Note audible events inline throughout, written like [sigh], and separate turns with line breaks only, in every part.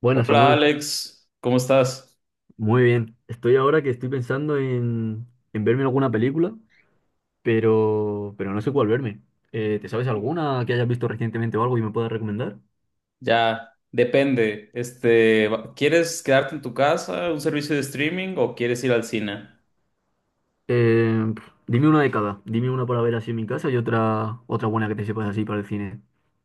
Bueno,
Hola
Samuel,
Alex, ¿cómo estás?
muy bien. Estoy ahora que estoy pensando en, verme alguna película, pero no sé cuál verme. ¿Te sabes alguna que hayas visto recientemente o algo y me puedas recomendar?
Ya, depende. Este, ¿quieres quedarte en tu casa, un servicio de streaming o quieres ir al cine?
Dime una de cada. Dime una para ver así en mi casa y otra buena que te sepas así para el cine.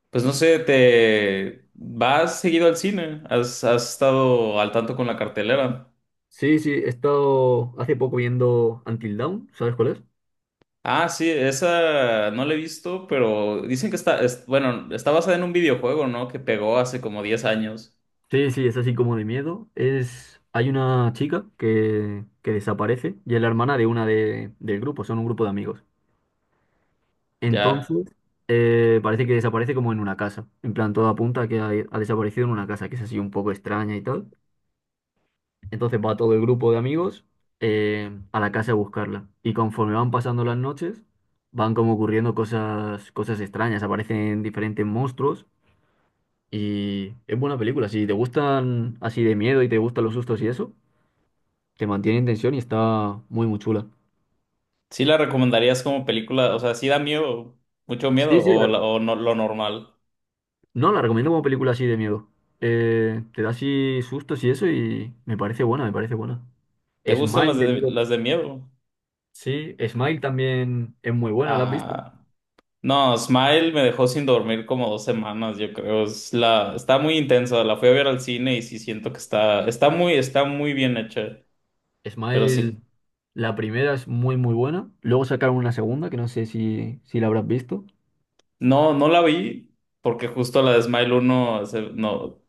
Pues no sé, ¿te vas seguido al cine? ¿Has estado al tanto con la cartelera?
Sí, sí, he estado hace poco viendo Until Dawn, ¿sabes cuál es?
Ah, sí, esa no la he visto, pero dicen que bueno, está basada en un videojuego, ¿no? Que pegó hace como 10 años.
Sí, sí, es así como de miedo. Es, hay una chica que desaparece y es la hermana del grupo, son un grupo de amigos.
Ya.
Entonces, parece que desaparece como en una casa. En plan, todo apunta a que ha desaparecido en una casa, que es así un poco extraña y tal. Entonces va todo el grupo de amigos a la casa a buscarla. Y conforme van pasando las noches, van como ocurriendo cosas extrañas. Aparecen diferentes monstruos. Y es buena película. Si te gustan así de miedo y te gustan los sustos y eso, te mantiene en tensión y está muy chula.
¿Sí la recomendarías como película? O sea, ¿sí da miedo, mucho
Sí,
miedo
sí, la,
o no, lo normal?
No, la recomiendo como película así de miedo. Te da así sustos y eso y me parece me parece buena.
¿Te
Mm.
gustan
Smile
las
de
de,
miedo.
las de miedo?
Sí, Smile también es muy buena, ¿la has visto?
Ah, no, Smile me dejó sin dormir como 2 semanas, yo creo. Está muy intensa, la fui a ver al cine y sí siento que está, está muy bien hecha. Pero
Smile,
sí,
la primera es muy buena. Luego sacaron una segunda que no sé si la habrás visto.
no la vi porque justo la de Smile uno no,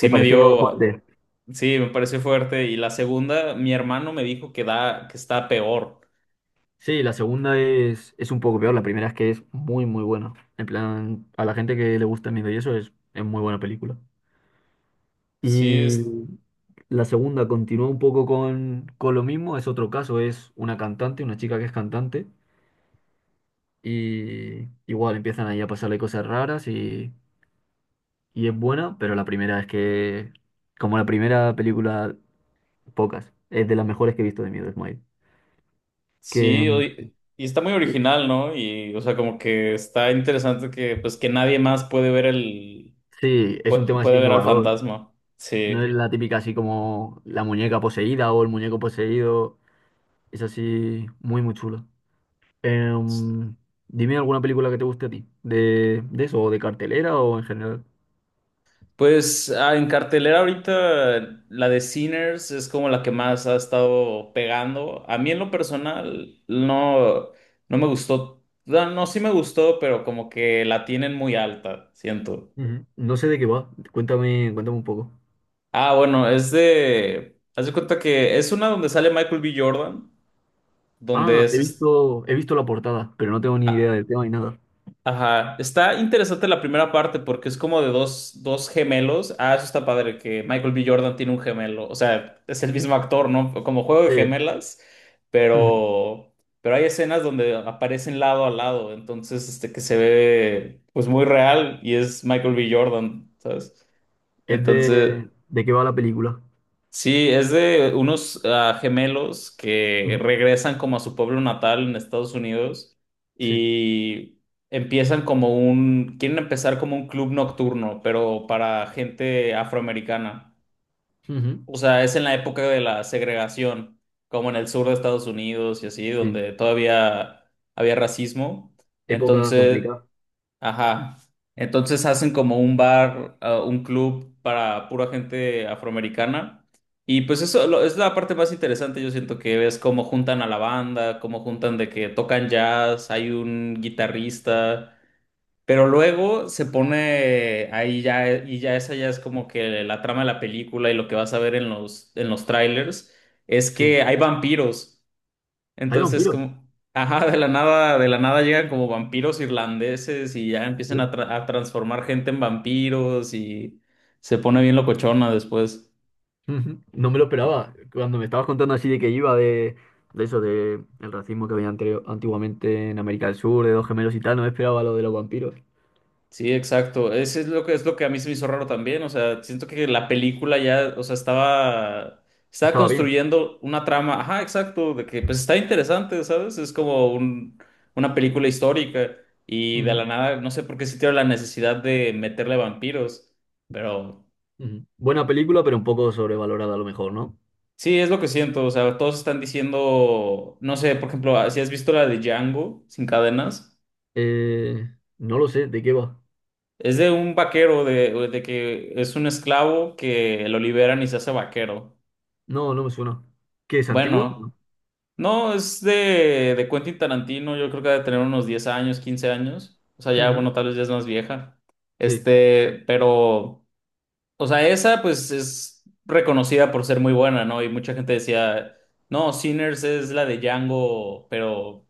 ¿Te
me
pareció
dio,
fuerte?
sí, me pareció fuerte. Y la segunda, mi hermano me dijo que está peor.
Sí, la segunda es un poco peor. La primera es que es muy buena. En plan, a la gente que le gusta el miedo y eso es muy buena película.
Sí,
Y la segunda continúa un poco con lo mismo, es otro caso, es una cantante, una chica que es cantante, y igual empiezan ahí a pasarle cosas raras y es buena, pero la primera es que, como la primera película, pocas, es de las mejores que he visto de Miedo, Smile. Que
sí,
mm,
y está muy
sí,
original, ¿no? Y, o sea, como que está interesante que, pues, que nadie más puede ver
sí, es un tema así
puede ver al
innovador,
fantasma.
no es
Sí.
la típica así como la muñeca poseída o el muñeco poseído, es así muy chulo. Em, Dime alguna película que te guste a ti, de eso, o de cartelera o en general.
Pues, en cartelera ahorita la de Sinners es como la que más ha estado pegando. A mí en lo personal no me gustó. No, no, sí me gustó, pero como que la tienen muy alta, siento.
Ujú. No sé de qué va, cuéntame un poco.
Ah, bueno, haz de cuenta que es una donde sale Michael B. Jordan, donde
Ah, he
es-
visto la portada, pero no tengo ni idea
ah,
del tema ni nada.
ajá, está interesante la primera parte porque es como de dos gemelos. Ah, eso está padre, que Michael B. Jordan tiene un gemelo. O sea, es el mismo actor, ¿no? Como juego de
Sí.
gemelas,
Ujú.
pero, pero hay escenas donde aparecen lado a lado. Entonces, este que se ve pues muy real y es Michael B. Jordan, ¿sabes?
Es
Entonces,
de qué va la película.
sí, es de unos gemelos que
Ujú.
regresan como a su pueblo natal en Estados Unidos
Sí.
y empiezan como quieren empezar como un club nocturno, pero para gente afroamericana.
Ujú.
O sea, es en la época de la segregación, como en el sur de Estados Unidos y así,
Sí.
donde todavía había racismo.
Época
Entonces,
complicada.
ajá. Entonces hacen como un bar, un club para pura gente afroamericana. Y pues eso lo- es la parte más interesante, yo siento que ves cómo juntan a la banda, cómo juntan de que tocan jazz, hay un guitarrista, pero luego se pone ahí ya, y ya esa ya es como que la trama de la película y lo que vas a ver en los trailers, es
Sí.
que hay vampiros.
Hay
Entonces,
vampiros.
como, ajá, de la nada llegan como vampiros irlandeses y ya empiezan
Sí.
a transformar gente en vampiros y se pone bien locochona después.
Ujú. No me lo esperaba. Cuando me estabas contando así de que iba de eso, de el racismo que había antiguamente en América del Sur, de dos gemelos y tal, no me esperaba lo de los vampiros.
Sí, exacto. Ese es lo que a mí se me hizo raro también. O sea, siento que la película ya, o sea, estaba
Estaba bien.
construyendo una trama, ajá, exacto, de que pues está interesante, ¿sabes? Es como una película histórica y de la nada, no sé por qué sintieron la necesidad de meterle vampiros, pero.
Ujú, ujú. Buena película, pero un poco sobrevalorada a lo mejor, ¿no?
Sí, es lo que siento, o sea, todos están diciendo, no sé, por ejemplo, si has visto la de Django sin cadenas,
Eh, no lo sé, ¿de qué va?
es de un vaquero, de que es un esclavo que lo liberan y se hace vaquero.
No, no me suena. ¿Qué es antigua?
Bueno,
No.
no, es de Quentin Tarantino, yo creo que debe tener unos 10 años, 15 años, o sea, ya,
Ujú.
bueno, tal vez ya es más vieja.
Sí.
Este, pero, o sea, esa pues es reconocida por ser muy buena, ¿no? Y mucha gente decía... No, Sinners es la de Django, pero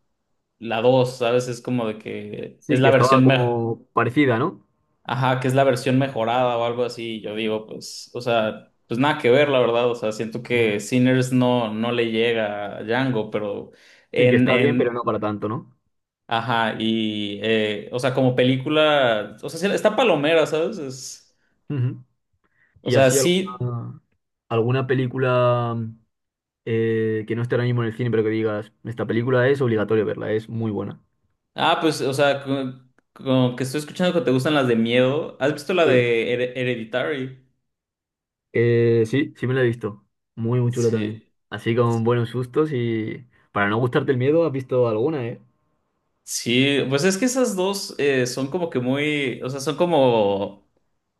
la 2, ¿sabes? Es como de que es
Sí, que
la
estaba
versión mejor.
como parecida, ¿no?
Ajá, que es la versión mejorada o algo así. Yo digo, pues, o sea, pues nada que ver, la verdad. O sea, siento
Ujú.
que Sinners no le llega a Django, pero
Sí, que
en,
está bien, pero no
en,
para tanto, ¿no?
ajá, y, o sea, como película, o sea, sí, está palomera, ¿sabes? Es,
Ujú.
o
Y
sea,
así
sí,
alguna película que no esté ahora mismo en el cine, pero que digas, esta película es obligatorio verla, es muy buena.
pues, o sea, con que estoy escuchando que te gustan las de miedo. ¿Has visto la
Sí.
de Hereditary?
Sí me la he visto. Muy chula también.
Sí.
Así con buenos sustos y para no gustarte el miedo, has visto alguna, ¿eh?
Sí, pues es que esas dos son como que muy, o sea, son como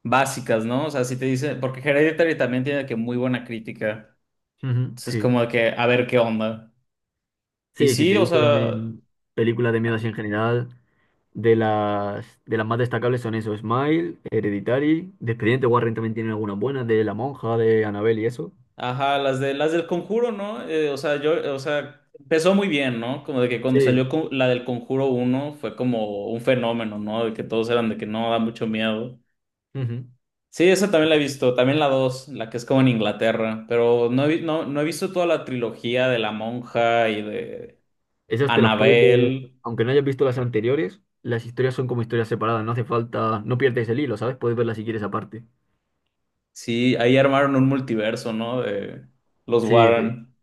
básicas, ¿no? O sea, si te dicen, porque Hereditary también tiene que muy buena crítica.
Ujú,
Entonces es
sí.
como de que, a ver qué onda. Y
Sí, si te
sí, o sea,
dicen películas de miedo así
a-
en general, de las más destacables son eso, Smile, Hereditary, de Expediente Warren también tienen algunas buenas, de La Monja, de Annabelle y eso.
ajá, las de las del Conjuro, ¿no? O sea, yo, o sea, empezó muy bien, ¿no? Como de que cuando
Sí,
salió la del Conjuro uno fue como un fenómeno, ¿no? De que todos eran de que no da mucho miedo.
ujú.
Sí, esa también la he visto, también la dos, la que es como en Inglaterra, pero no he visto toda la trilogía de La Monja y de
Esas te las puedes ver,
Annabelle.
aunque no hayas visto las anteriores, las historias son como historias separadas, no hace falta, no pierdes el hilo, ¿sabes? Puedes verlas si quieres aparte.
Sí, ahí armaron un multiverso, ¿no? De los
Sí, sí.
Warren.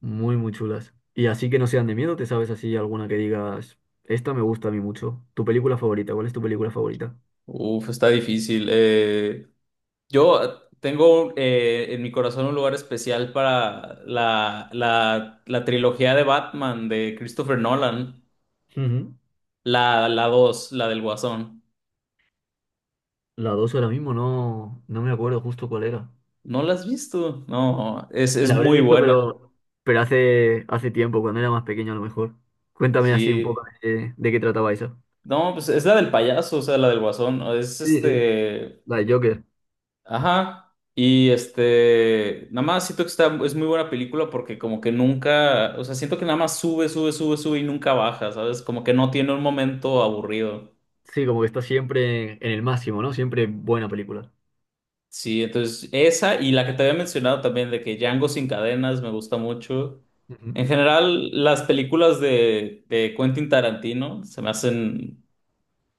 Muy chulas. Y así que no sean de miedo, ¿te sabes así alguna que digas, esta me gusta a mí mucho? ¿Tu película favorita? ¿Cuál es tu película favorita?
Uf, está difícil. Yo tengo en mi corazón un lugar especial para la trilogía de Batman de Christopher Nolan,
Ujú.
la dos, la del Guasón.
La 2 ahora mismo no, no me acuerdo justo cuál era.
¿No la has visto? No, es
La habré
muy
visto,
buena.
pero hace tiempo, cuando era más pequeño a lo mejor. Cuéntame así un poco
Sí.
de qué trataba eso.
No, pues es la del payaso, o sea, la del guasón. Es
Sí, sí,
este.
la de Joker.
Ajá. Y este. Nada más siento que es muy buena película porque, como que nunca. O sea, siento que nada más sube, sube, sube, sube y nunca baja, ¿sabes? Como que no tiene un momento aburrido.
Sí, como que está siempre en el máximo, ¿no? Siempre buena película.
Sí, entonces esa y la que te había mencionado también de que Django sin cadenas me gusta mucho.
Ujú.
En general, las películas de Quentin Tarantino se me hacen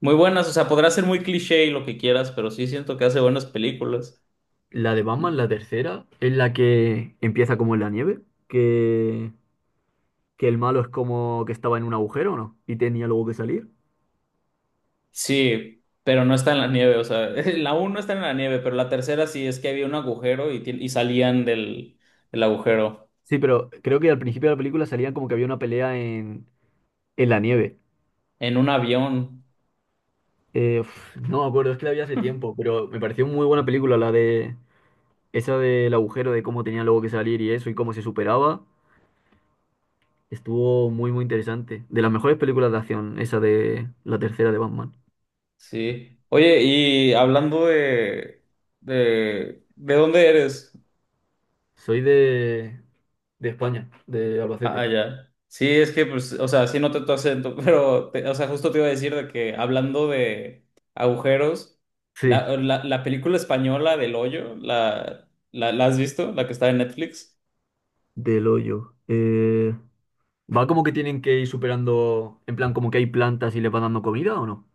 muy buenas. O sea, podrá ser muy cliché y lo que quieras, pero sí siento que hace buenas películas.
La de Batman, la tercera, es la que empieza como en la nieve, que que el malo es como que estaba en un agujero, ¿no? Y tenía luego que salir.
Sí, pero no está en la nieve, o sea, [laughs] la uno no está en la nieve, pero la tercera sí es que había un agujero y salían del agujero
Sí, pero creo que al principio de la película salían como que había una pelea en la nieve.
en un avión,
No me acuerdo, es que la vi hace tiempo, pero me pareció muy buena película la de esa del agujero, de cómo tenía luego que salir y eso, y cómo se superaba. Estuvo muy interesante. De las mejores películas de acción, esa de la tercera de Batman.
sí. Oye, y hablando ¿de dónde eres?
Soy de España, de
Ah, ah,
Albacete.
ya. Sí, es que, pues, o sea, sí noté tu acento, [laughs] pero, o sea, justo te iba a decir de que hablando de agujeros,
Sí,
la película española del hoyo, ¿la has visto? La que está en Netflix.
del hoyo. ¿Va como que tienen que ir superando, en plan, como que hay plantas y les van dando comida o no?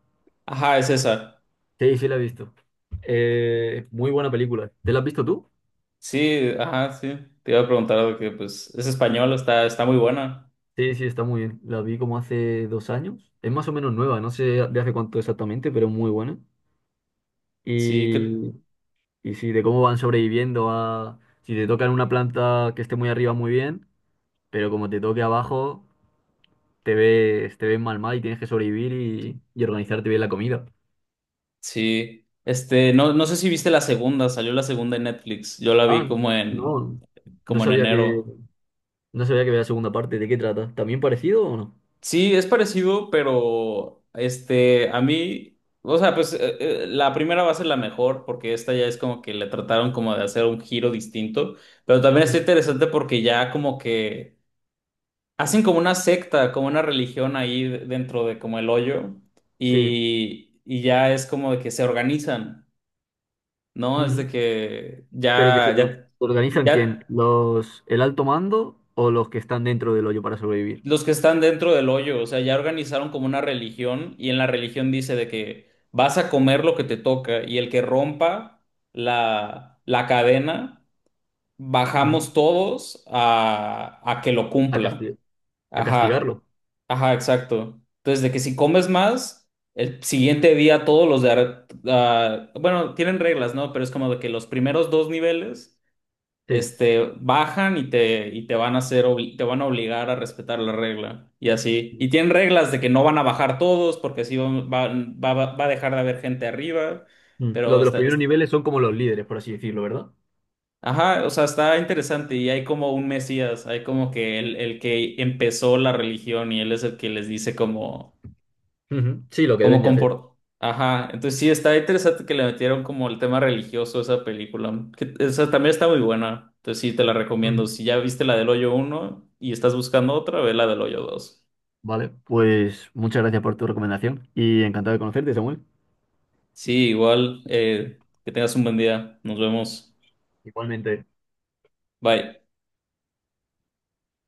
Ajá, es esa.
Sí, sí, la he visto. Muy buena película. ¿Te la has visto tú?
Sí, ajá, sí. Te iba a preguntar de que pues es español, está muy buena.
Sí, sí, está muy bien. La vi como hace 2 años. Es más o menos nueva, no sé de hace cuánto exactamente, pero muy buena.
Sí, que
Y, y sí, de cómo van sobreviviendo a... Si te tocan una planta que esté muy arriba, muy bien, pero como te toque abajo, te ves mal mal y tienes que sobrevivir y organizarte bien la comida.
sí. Este, no sé si viste la segunda, salió la segunda en Netflix. Yo la vi
Ah,
como en,
no, no
como en
sabía que...
enero.
No sabía que había segunda parte. ¿De qué trata? ¿También parecido o no?
Sí, es parecido, pero este, a mí, o sea, pues la primera va a ser la mejor, porque esta ya es como que le trataron como de hacer un giro distinto. Pero también está
Ujú.
interesante porque ya como que hacen como una secta, como una religión ahí dentro de como el hoyo
Sí.
y ya es como de que se organizan, ¿no? Es de
Ujú.
que
Pero que
ya, ya,
se organizan quién?
ya
¿Los, el alto mando o los que están dentro del hoyo para sobrevivir?
los que están dentro del hoyo, o sea, ya organizaron como una religión y en la religión dice de que vas a comer lo que te toca y el que rompa la cadena,
Ujú.
bajamos todos a que lo
A
cumpla.
casti- a
Ajá,
castigarlo.
ajá, exacto. Entonces, de que si comes más, el siguiente día todos los de... bueno, tienen reglas, ¿no? Pero es como de que los primeros dos niveles,
Sí.
este, bajan y te van a hacer, te van a obligar a respetar la regla. Y así. Y tienen reglas de que no van a bajar todos, porque así va a dejar de haber gente arriba.
Mm. Los
Pero
de los primeros niveles son como los líderes, por así decirlo, ¿verdad?
ajá, o sea, está interesante. Y hay como un mesías, hay como que el que empezó la religión y él es el que les dice como
Ujú. Sí, lo que deben de hacer.
comport... Ajá, entonces sí, está interesante que le metieron como el tema religioso a esa película. Que, esa también está muy buena. Entonces sí, te la recomiendo.
Ujú.
Si ya viste la del Hoyo uno y estás buscando otra, ve la del Hoyo dos.
Vale, pues muchas gracias por tu recomendación y encantado de conocerte, Samuel.
Sí, igual, que tengas un buen día. Nos vemos.
Igualmente.
Bye.